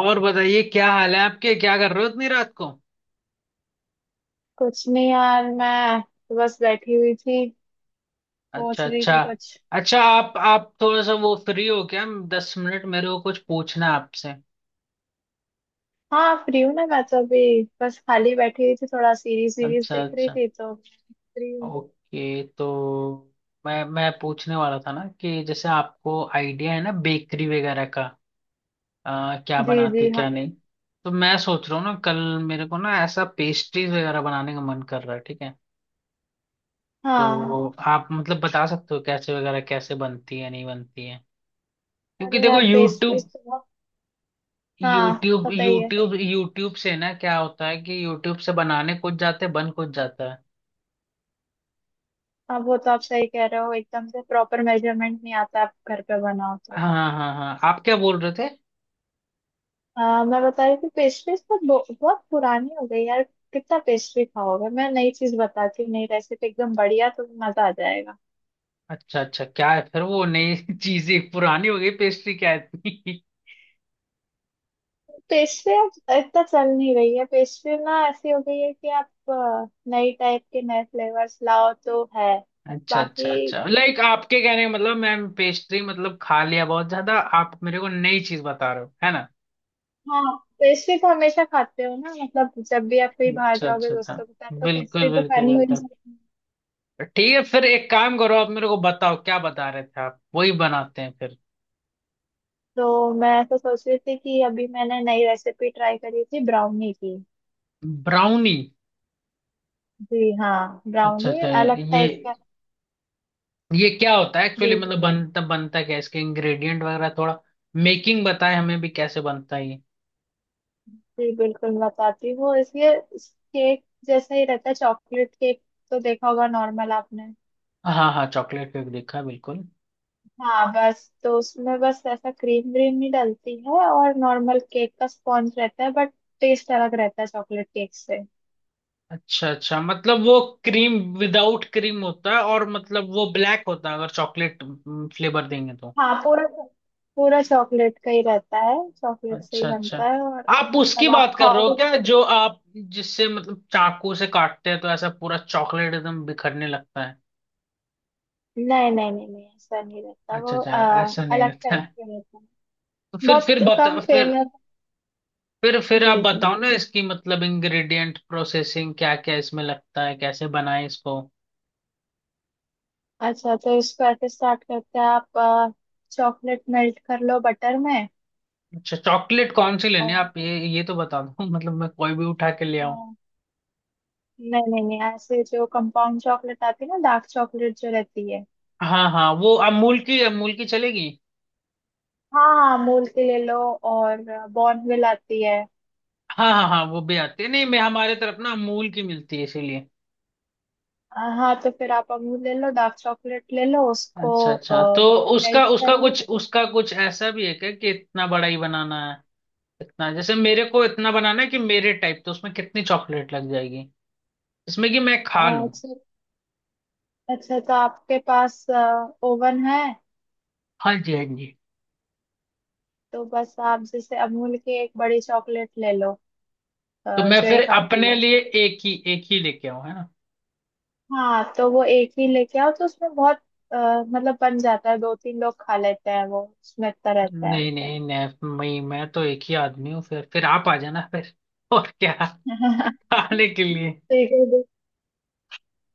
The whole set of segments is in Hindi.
और बताइए, क्या हाल है आपके? क्या कर रहे हो इतनी रात को? कुछ नहीं यार, मैं तो बस बैठी हुई थी। सोच अच्छा रही अच्छा। थी कुछ। अच्छा, आप थोड़ा सा वो फ्री हो क्या? 10 मिनट मेरे को कुछ पूछना है आपसे। हाँ, फ्री हूँ ना। मैं तो अभी बस खाली बैठी हुई थी, थोड़ा सीरीज सीरीज अच्छा देख रही अच्छा। थी तो फ्री हूँ। ओके, तो मैं पूछने वाला था ना कि जैसे आपको आइडिया है ना बेकरी वगैरह का, क्या जी बनाते जी हाँ क्या नहीं। तो मैं सोच रहा हूँ ना कल मेरे को ना ऐसा पेस्ट्रीज वगैरह बनाने का मन कर रहा है, ठीक है? हाँ। तो आप मतलब बता सकते हो कैसे वगैरह, कैसे बनती है नहीं बनती है। क्योंकि अरे देखो, यार, YouTube पेस्ट्रीज तो बहुत। हाँ, यूट्यूब पता ही है। यूट्यूब यूट्यूब से ना क्या होता है कि यूट्यूब से बनाने कुछ जाते हैं, बन कुछ जाता है। अब वो तो आप सही कह रहे हो, एकदम से प्रॉपर मेजरमेंट नहीं आता आप घर पे बनाओ तो। हाँ हाँ हाँ, आप क्या बोल रहे थे? मैं बता रही थी, पेस्ट्रीज तो बहुत पुरानी हो गई यार। कितना पेस्ट्री खाओगे, मैं नई चीज बताती हूँ, नई रेसिपी एकदम बढ़िया, तो मजा आ जाएगा। अच्छा अच्छा, क्या है फिर वो नई चीजें, पुरानी हो गई पेस्ट्री क्या है इतनी? पेशवे अब इतना चल नहीं रही है। पेशवे ना ऐसी हो गई है कि आप नई टाइप के नए फ्लेवर्स लाओ तो है अच्छा अच्छा बाकी। अच्छा, लाइक आपके कहने का मतलब मैम, पेस्ट्री मतलब खा लिया बहुत ज्यादा। आप मेरे को नई चीज बता रहे हो, है ना? हाँ, पेस्ट्री तो हमेशा खाते हो ना, मतलब जब भी आप कहीं बाहर अच्छा जाओगे अच्छा अच्छा। दोस्तों के साथ तो बिल्कुल पेस्ट्री तो बिल्कुल खानी हो ही बिल्कुल। जाती है। ठीक है फिर, एक काम करो, आप मेरे को बताओ क्या बता रहे थे आप, वही बनाते हैं फिर। तो मैं तो सोच रही थी कि अभी मैंने नई रेसिपी ट्राई करी थी ब्राउनी की। ब्राउनी? जी हाँ, अच्छा ब्राउनी अच्छा। अलग ये टाइप का। ये क्या होता है एक्चुअली? जी मतलब बनता बनता क्या है? इसके इंग्रेडिएंट वगैरह थोड़ा मेकिंग बताए, हमें भी कैसे बनता है ये? जी बिल्कुल बताती हूँ। इसलिए केक जैसा ही रहता है, चॉकलेट केक तो देखा होगा नॉर्मल आपने। हाँ हाँ, चॉकलेट केक देखा बिल्कुल। हाँ, बस तो उसमें बस ऐसा क्रीम व्रीम नहीं डलती है, और नॉर्मल केक का स्पॉन्ज रहता है बट टेस्ट अलग रहता है चॉकलेट केक से। अच्छा अच्छा, मतलब वो क्रीम विदाउट क्रीम होता है, और मतलब वो ब्लैक होता है अगर चॉकलेट फ्लेवर देंगे तो। हाँ, पूरा पूरा चॉकलेट का ही रहता है, चॉकलेट से ही अच्छा अच्छा। बनता है और आप उसकी मतलब आप बात कर रहे हो खाओगे। क्या जो आप, जिससे मतलब चाकू से काटते हैं तो ऐसा पूरा चॉकलेट एकदम बिखरने लगता है? नहीं नहीं नहीं नहीं, ऐसा नहीं रहता अच्छा वो। अच्छा। ऐसा नहीं अलग होता टाइप है? का रहता है। तो फिर बहुत कम बता फिर। फेमस। फिर आप जी जी, बताओ ना इसकी, मतलब इंग्रेडिएंट प्रोसेसिंग क्या क्या इसमें लगता है, कैसे बनाए इसको। अच्छा तो इसको ऐसे स्टार्ट करते हैं आप। चॉकलेट मेल्ट कर लो बटर में। अच्छा, चॉकलेट कौन सी लेनी और है आप, ये तो बता दो मतलब मैं कोई भी उठा के ले आऊं? नहीं नहीं नहीं, ऐसे जो कंपाउंड चॉकलेट आती है ना, डार्क चॉकलेट जो रहती है। हाँ हाँ, वो अमूल की, अमूल की चलेगी? हाँ हाँ, अमूल की ले लो। और बॉर्नविल आती है। हाँ हाँ हाँ, वो भी आती है, नहीं मैं हमारे तरफ ना अमूल की मिलती है इसीलिए। हाँ, तो फिर आप अमूल ले लो, डार्क चॉकलेट ले लो उसको अच्छा अच्छा। तो उसका मेल्ट कर उसका लो। कुछ, उसका कुछ ऐसा भी है क्या कि इतना बड़ा ही बनाना है? इतना जैसे मेरे को इतना बनाना है कि मेरे टाइप, तो उसमें कितनी चॉकलेट लग जाएगी इसमें कि मैं अ, खा लूं? अच्छा अच्छा, तो आपके पास ओवन है। हाँ जी हाँ जी। तो बस आप जैसे अमूल की एक बड़ी चॉकलेट ले लो, तो मैं जो फिर एक आती अपने है। लिए एक ही, एक ही लेके आऊं, है ना? हाँ, तो वो एक ही लेके आओ, तो उसमें बहुत मतलब बन जाता है, दो तीन लोग खा लेते हैं वो, उसमें इतना रहता है। नहीं नहीं नहीं, मैं तो एक ही आदमी हूँ, फिर आप आ जाना फिर और क्या, खाने के लिए। ठीक है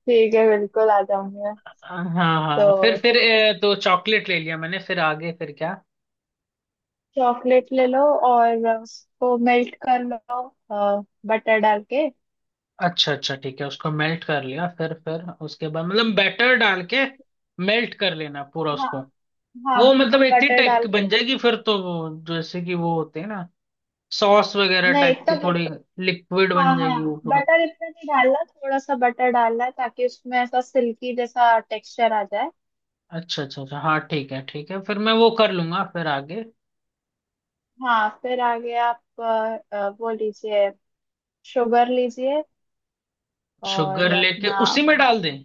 ठीक है, बिल्कुल आ जाऊंगी मैं। हाँ हाँ, फिर तो फिर तो चॉकलेट ले लिया मैंने, फिर आगे फिर क्या? चॉकलेट ले लो और उसको मेल्ट कर लो बटर डाल के। अच्छा अच्छा ठीक है, उसको मेल्ट कर लिया, फिर उसके बाद मतलब बैटर डाल के मेल्ट कर लेना पूरा हाँ उसको। हाँ, वो मतलब इतनी बटर टाइप डाल की के। बन जाएगी फिर तो, वो जैसे कि वो होते हैं ना सॉस वगैरह नहीं टाइप इतना की, बट थोड़ी लिक्विड हाँ बन जाएगी हाँ, वो पूरा? बटर इतना नहीं डालना, थोड़ा सा बटर डालना है ताकि उसमें ऐसा सिल्की जैसा टेक्सचर आ जाए। अच्छा अच्छा अच्छा हाँ, ठीक है ठीक है, फिर मैं वो कर लूंगा फिर आगे। हाँ फिर आगे आप वो लीजिए, शुगर लीजिए और शुगर लेके अपना उसी में अ, डाल दें?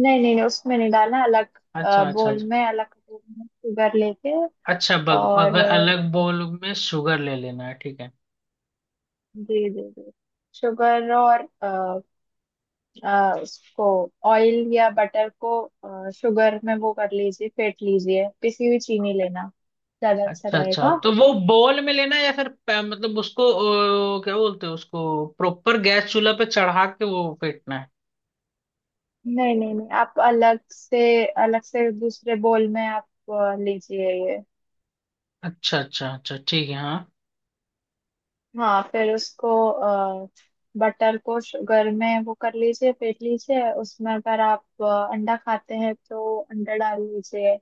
नहीं नहीं नहीं, उसमें नहीं डालना, अलग अच्छा अच्छा बोल अच्छा में, अलग कटोरी में शुगर लेके। अच्छा, बग और अगर अलग बोल में शुगर ले लेना है, ठीक है। जी जी जी, शुगर और उसको ऑयल या बटर को शुगर में वो कर लीजिए, फेंट लीजिए। पिसी हुई चीनी लेना ज्यादा अच्छा अच्छा अच्छा, रहेगा। तो वो बोल में लेना है या फिर मतलब उसको, क्या बोलते हैं उसको, प्रॉपर गैस चूल्हा पे चढ़ा के वो फेंटना है? नहीं नहीं नहीं, आप अलग से, अलग से दूसरे बोल में आप लीजिए ये। अच्छा अच्छा अच्छा ठीक है हाँ। हाँ फिर उसको बटर को शुगर में वो कर लीजिए फेंट लीजिए। उसमें अगर आप अंडा खाते हैं तो अंडा डाल लीजिए।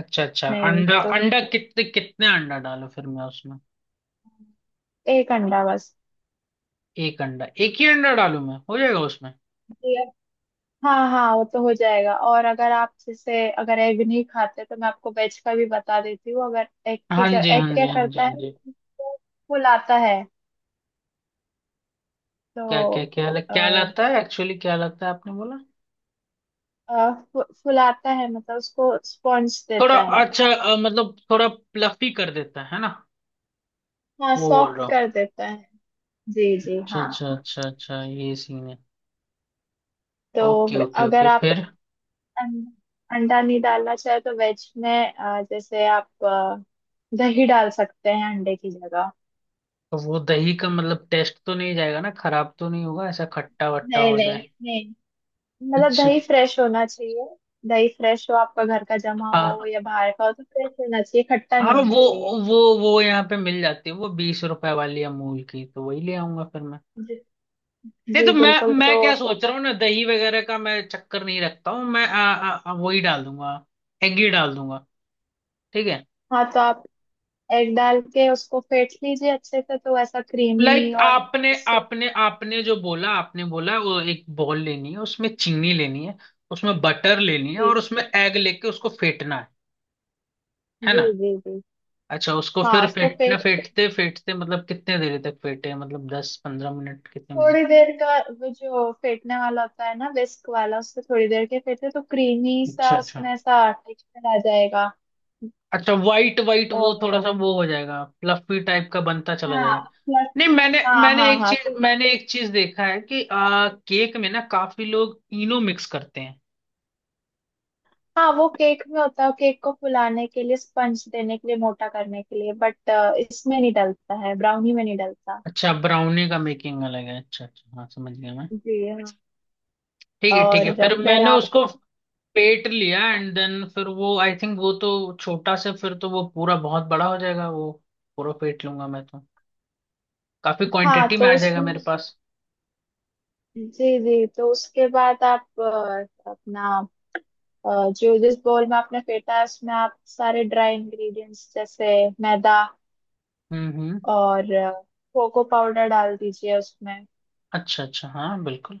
अच्छा अच्छा, नहीं अंडा तो अंडा कितने कितने अंडा डालो फिर मैं उसमें? एक अंडा बस। एक अंडा, एक ही अंडा डालूं मैं, हो जाएगा उसमें? हाँ हाँ, वो तो हो जाएगा। और अगर आप जैसे अगर एग नहीं खाते तो मैं आपको वेज का भी बता देती हूँ। अगर एग की हाँ जब जी एग हाँ जी क्या हाँ जी करता है, हाँ जी। वो फुलाता है। क्या तो क्या क्या अ, क्या लाता है एक्चुअली, क्या लाता है आपने बोला? फुलाता है, मतलब उसको स्पॉन्ज थोड़ा। देता है। अच्छा, मतलब थोड़ा प्लफी कर देता है ना? हाँ, वो बोल सॉफ्ट रहा हूँ। कर देता है। जी जी अच्छा हाँ। अच्छा अच्छा अच्छा, ये सीन है। तो ओके ओके अगर ओके, आप फिर। अंडा अंडा नहीं डालना चाहे तो वेज में, जैसे आप दही डाल सकते हैं अंडे की जगह। तो वो दही का मतलब टेस्ट तो नहीं जाएगा ना, खराब तो नहीं होगा, ऐसा खट्टा वट्टा नहीं हो नहीं जाए? नहीं, मतलब अच्छा। दही फ्रेश होना चाहिए। दही फ्रेश हो, आपका घर का जमा हुआ हो हाँ या बाहर का हो, तो फ्रेश होना चाहिए, खट्टा हाँ, नहीं होना वो चाहिए। वो वो यहाँ पे मिल जाती है, वो 20 रुपए वाली अमूल की, तो वही ले आऊंगा फिर मैं। जी नहीं जी तो मैं बिल्कुल। मैं तो क्या सोच रहा हूँ ना, दही वगैरह का मैं चक्कर नहीं रखता हूँ, मैं आ, आ, आ, वही डाल दूंगा, एग ही डाल दूंगा, ठीक है। हाँ, तो आप एग डाल के उसको फेंट लीजिए अच्छे से, तो ऐसा क्रीमी लाइक और आपने उससे आपने आपने जो बोला, आपने बोला वो एक बॉल लेनी है, उसमें चीनी लेनी है, उसमें बटर लेनी है, और जी उसमें एग लेके उसको फेंटना है ना? जी जी जी अच्छा, उसको हाँ। फिर उसको फेंटना, फेंट, फेंटते फेंटते मतलब कितने देर तक फेंटे, मतलब 10-15 मिनट, कितने मिनट? थोड़ी देर का वो जो फेंटने वाला होता है ना, विस्क वाला, उससे थोड़ी देर के फेंटे, तो क्रीमी सा अच्छा अच्छा उसमें ऐसा टेक्सचर आ जाएगा। अच्छा, वाइट वाइट वो और थोड़ा सा वो हो जाएगा, फ्लफी टाइप का बनता चला जाएगा। हाँ नहीं, मैंने हाँ हाँ हाँ, तो मैंने एक चीज देखा है कि केक में ना काफी लोग इनो मिक्स करते हैं। हाँ वो केक में होता है, केक को फुलाने के लिए, स्पंज देने के लिए, मोटा करने के लिए, बट इसमें नहीं डलता है, ब्राउनी में नहीं डलता। अच्छा, ब्राउनी का मेकिंग अलग है, अच्छा अच्छा हाँ समझ गया मैं। जी हाँ, ठीक है ठीक है, और फिर फिर मैंने आप उसको पेट लिया, एंड देन, फिर वो आई थिंक, वो तो छोटा से, फिर तो वो पूरा बहुत बड़ा हो जाएगा वो, पूरा पेट लूंगा मैं तो, काफी हाँ, क्वांटिटी में तो आ जाएगा उसमें मेरे पास। जी जी, तो उसके बाद आप अपना जो जिस बोल में आपने फेंटा है उसमें आप सारे ड्राई इंग्रेडिएंट्स जैसे मैदा हम्म। और कोको पाउडर डाल दीजिए उसमें। अच्छा अच्छा हाँ बिल्कुल।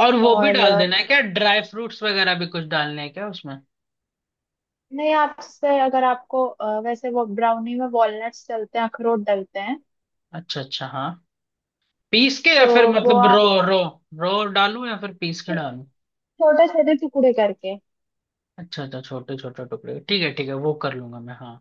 और वो भी और डाल देना है क्या, ड्राई फ्रूट्स वगैरह भी कुछ डालने हैं क्या उसमें? नहीं, आपसे अगर आपको वैसे वो ब्राउनी में वॉलनट्स डलते हैं, अखरोट डलते हैं अच्छा अच्छा हाँ, पीस के या तो फिर वो मतलब रो आप रो रो डालूं या फिर पीस के छो- डालूं? छोटे छोटे टुकड़े करके। अच्छा अच्छा, छोटे छोटे टुकड़े, ठीक है ठीक है, वो कर लूंगा मैं हाँ।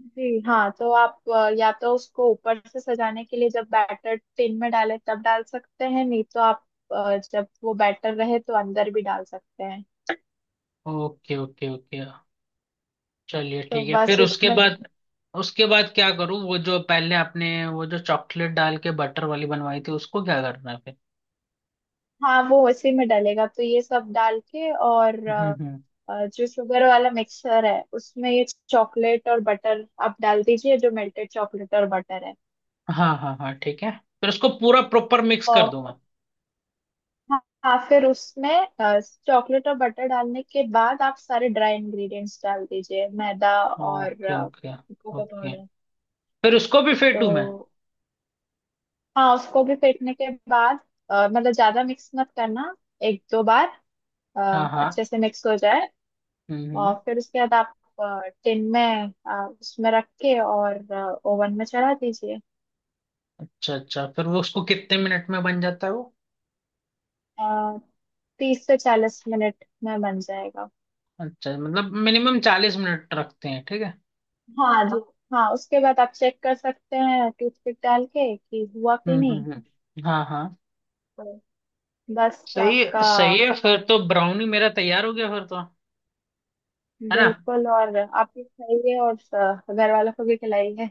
जी हाँ, तो आप या तो उसको ऊपर से सजाने के लिए जब बैटर टिन में डाले तब डाल सकते हैं, नहीं तो आप जब वो बैटर रहे तो अंदर भी डाल सकते हैं। ओके ओके ओके, चलिए तो ठीक है, बस फिर उसके उसमें बाद उसके बाद क्या करूँ? वो जो पहले आपने, वो जो चॉकलेट डाल के बटर वाली बनवाई थी, उसको क्या करना है फिर? हाँ, वो उसी में डलेगा। तो ये सब डाल के और हम्म। जो शुगर वाला मिक्सचर है उसमें ये चॉकलेट और बटर आप डाल दीजिए, जो मेल्टेड चॉकलेट और बटर है। हाँ हाँ हाँ ठीक है, फिर उसको पूरा प्रॉपर मिक्स कर और दूं मैं? हाँ हाँ, फिर उसमें चॉकलेट और बटर डालने के बाद आप सारे ड्राई इंग्रेडिएंट्स डाल दीजिए, मैदा और okay okay cocoa okay, powder. फिर उसको भी फेंटू मैं? तो हाँ, उसको भी फेंटने के बाद मतलब ज्यादा मिक्स मत करना, एक दो बार अ, हाँ हाँ। अच्छे से मिक्स हो जाए। हम्म। और फिर उसके बाद आप टिन में उसमें रख के और ओवन में चढ़ा दीजिए। अच्छा अच्छा, फिर वो उसको कितने मिनट में बन जाता है वो? 30 से 40 मिनट में बन जाएगा। अच्छा मतलब मिनिमम 40 मिनट रखते हैं, ठीक है। हाँ जी हाँ, उसके बाद आप चेक कर सकते हैं टूथपिक डाल के कि हुआ कि नहीं। हाँ हाँ। तो बस सही आपका सही है फिर तो, ब्राउनी मेरा तैयार हो गया फिर तो, है ना? बिल्कुल, और आप भी खाइए और घर वालों को भी खिलाइए।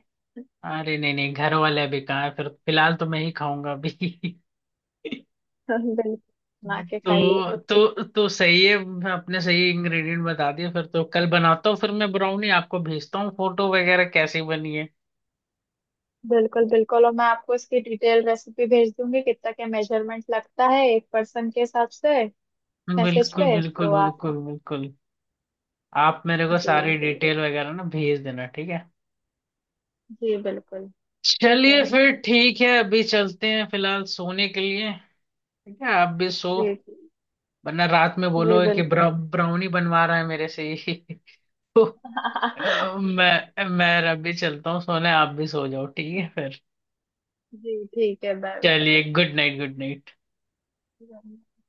अरे नहीं नहीं, घर वाले भी कहाँ है फिर, फिलहाल तो मैं ही खाऊंगा अभी बिल्कुल, बना के खाइए। तो सही है, आपने सही इंग्रेडिएंट बता दिए, फिर तो कल बनाता हूँ फिर मैं ब्राउनी, आपको भेजता हूँ फोटो वगैरह कैसी बनी है। बिल्कुल बिल्कुल, और मैं आपको इसकी डिटेल रेसिपी भेज दूंगी, कितना क्या मेजरमेंट लगता है एक पर्सन के हिसाब से, मैसेज बिल्कुल पे बिल्कुल तो आप बिल्कुल बिल्कुल, आप मेरे को सारी जी डिटेल वगैरह ना भेज देना, ठीक है? जी बिल्कुल। ठीक चलिए है फिर ठीक है, अभी चलते हैं फिलहाल सोने के लिए, ठीक है? आप भी सो, जी जी वरना रात में बोलो जी, कि बिल्कुल। ब्राउनी बनवा रहा है मेरे से ही मैं अभी चलता हूँ सोने, आप भी सो जाओ, ठीक है फिर? जी ठीक है, बाय चलिए, good night good night. Bye.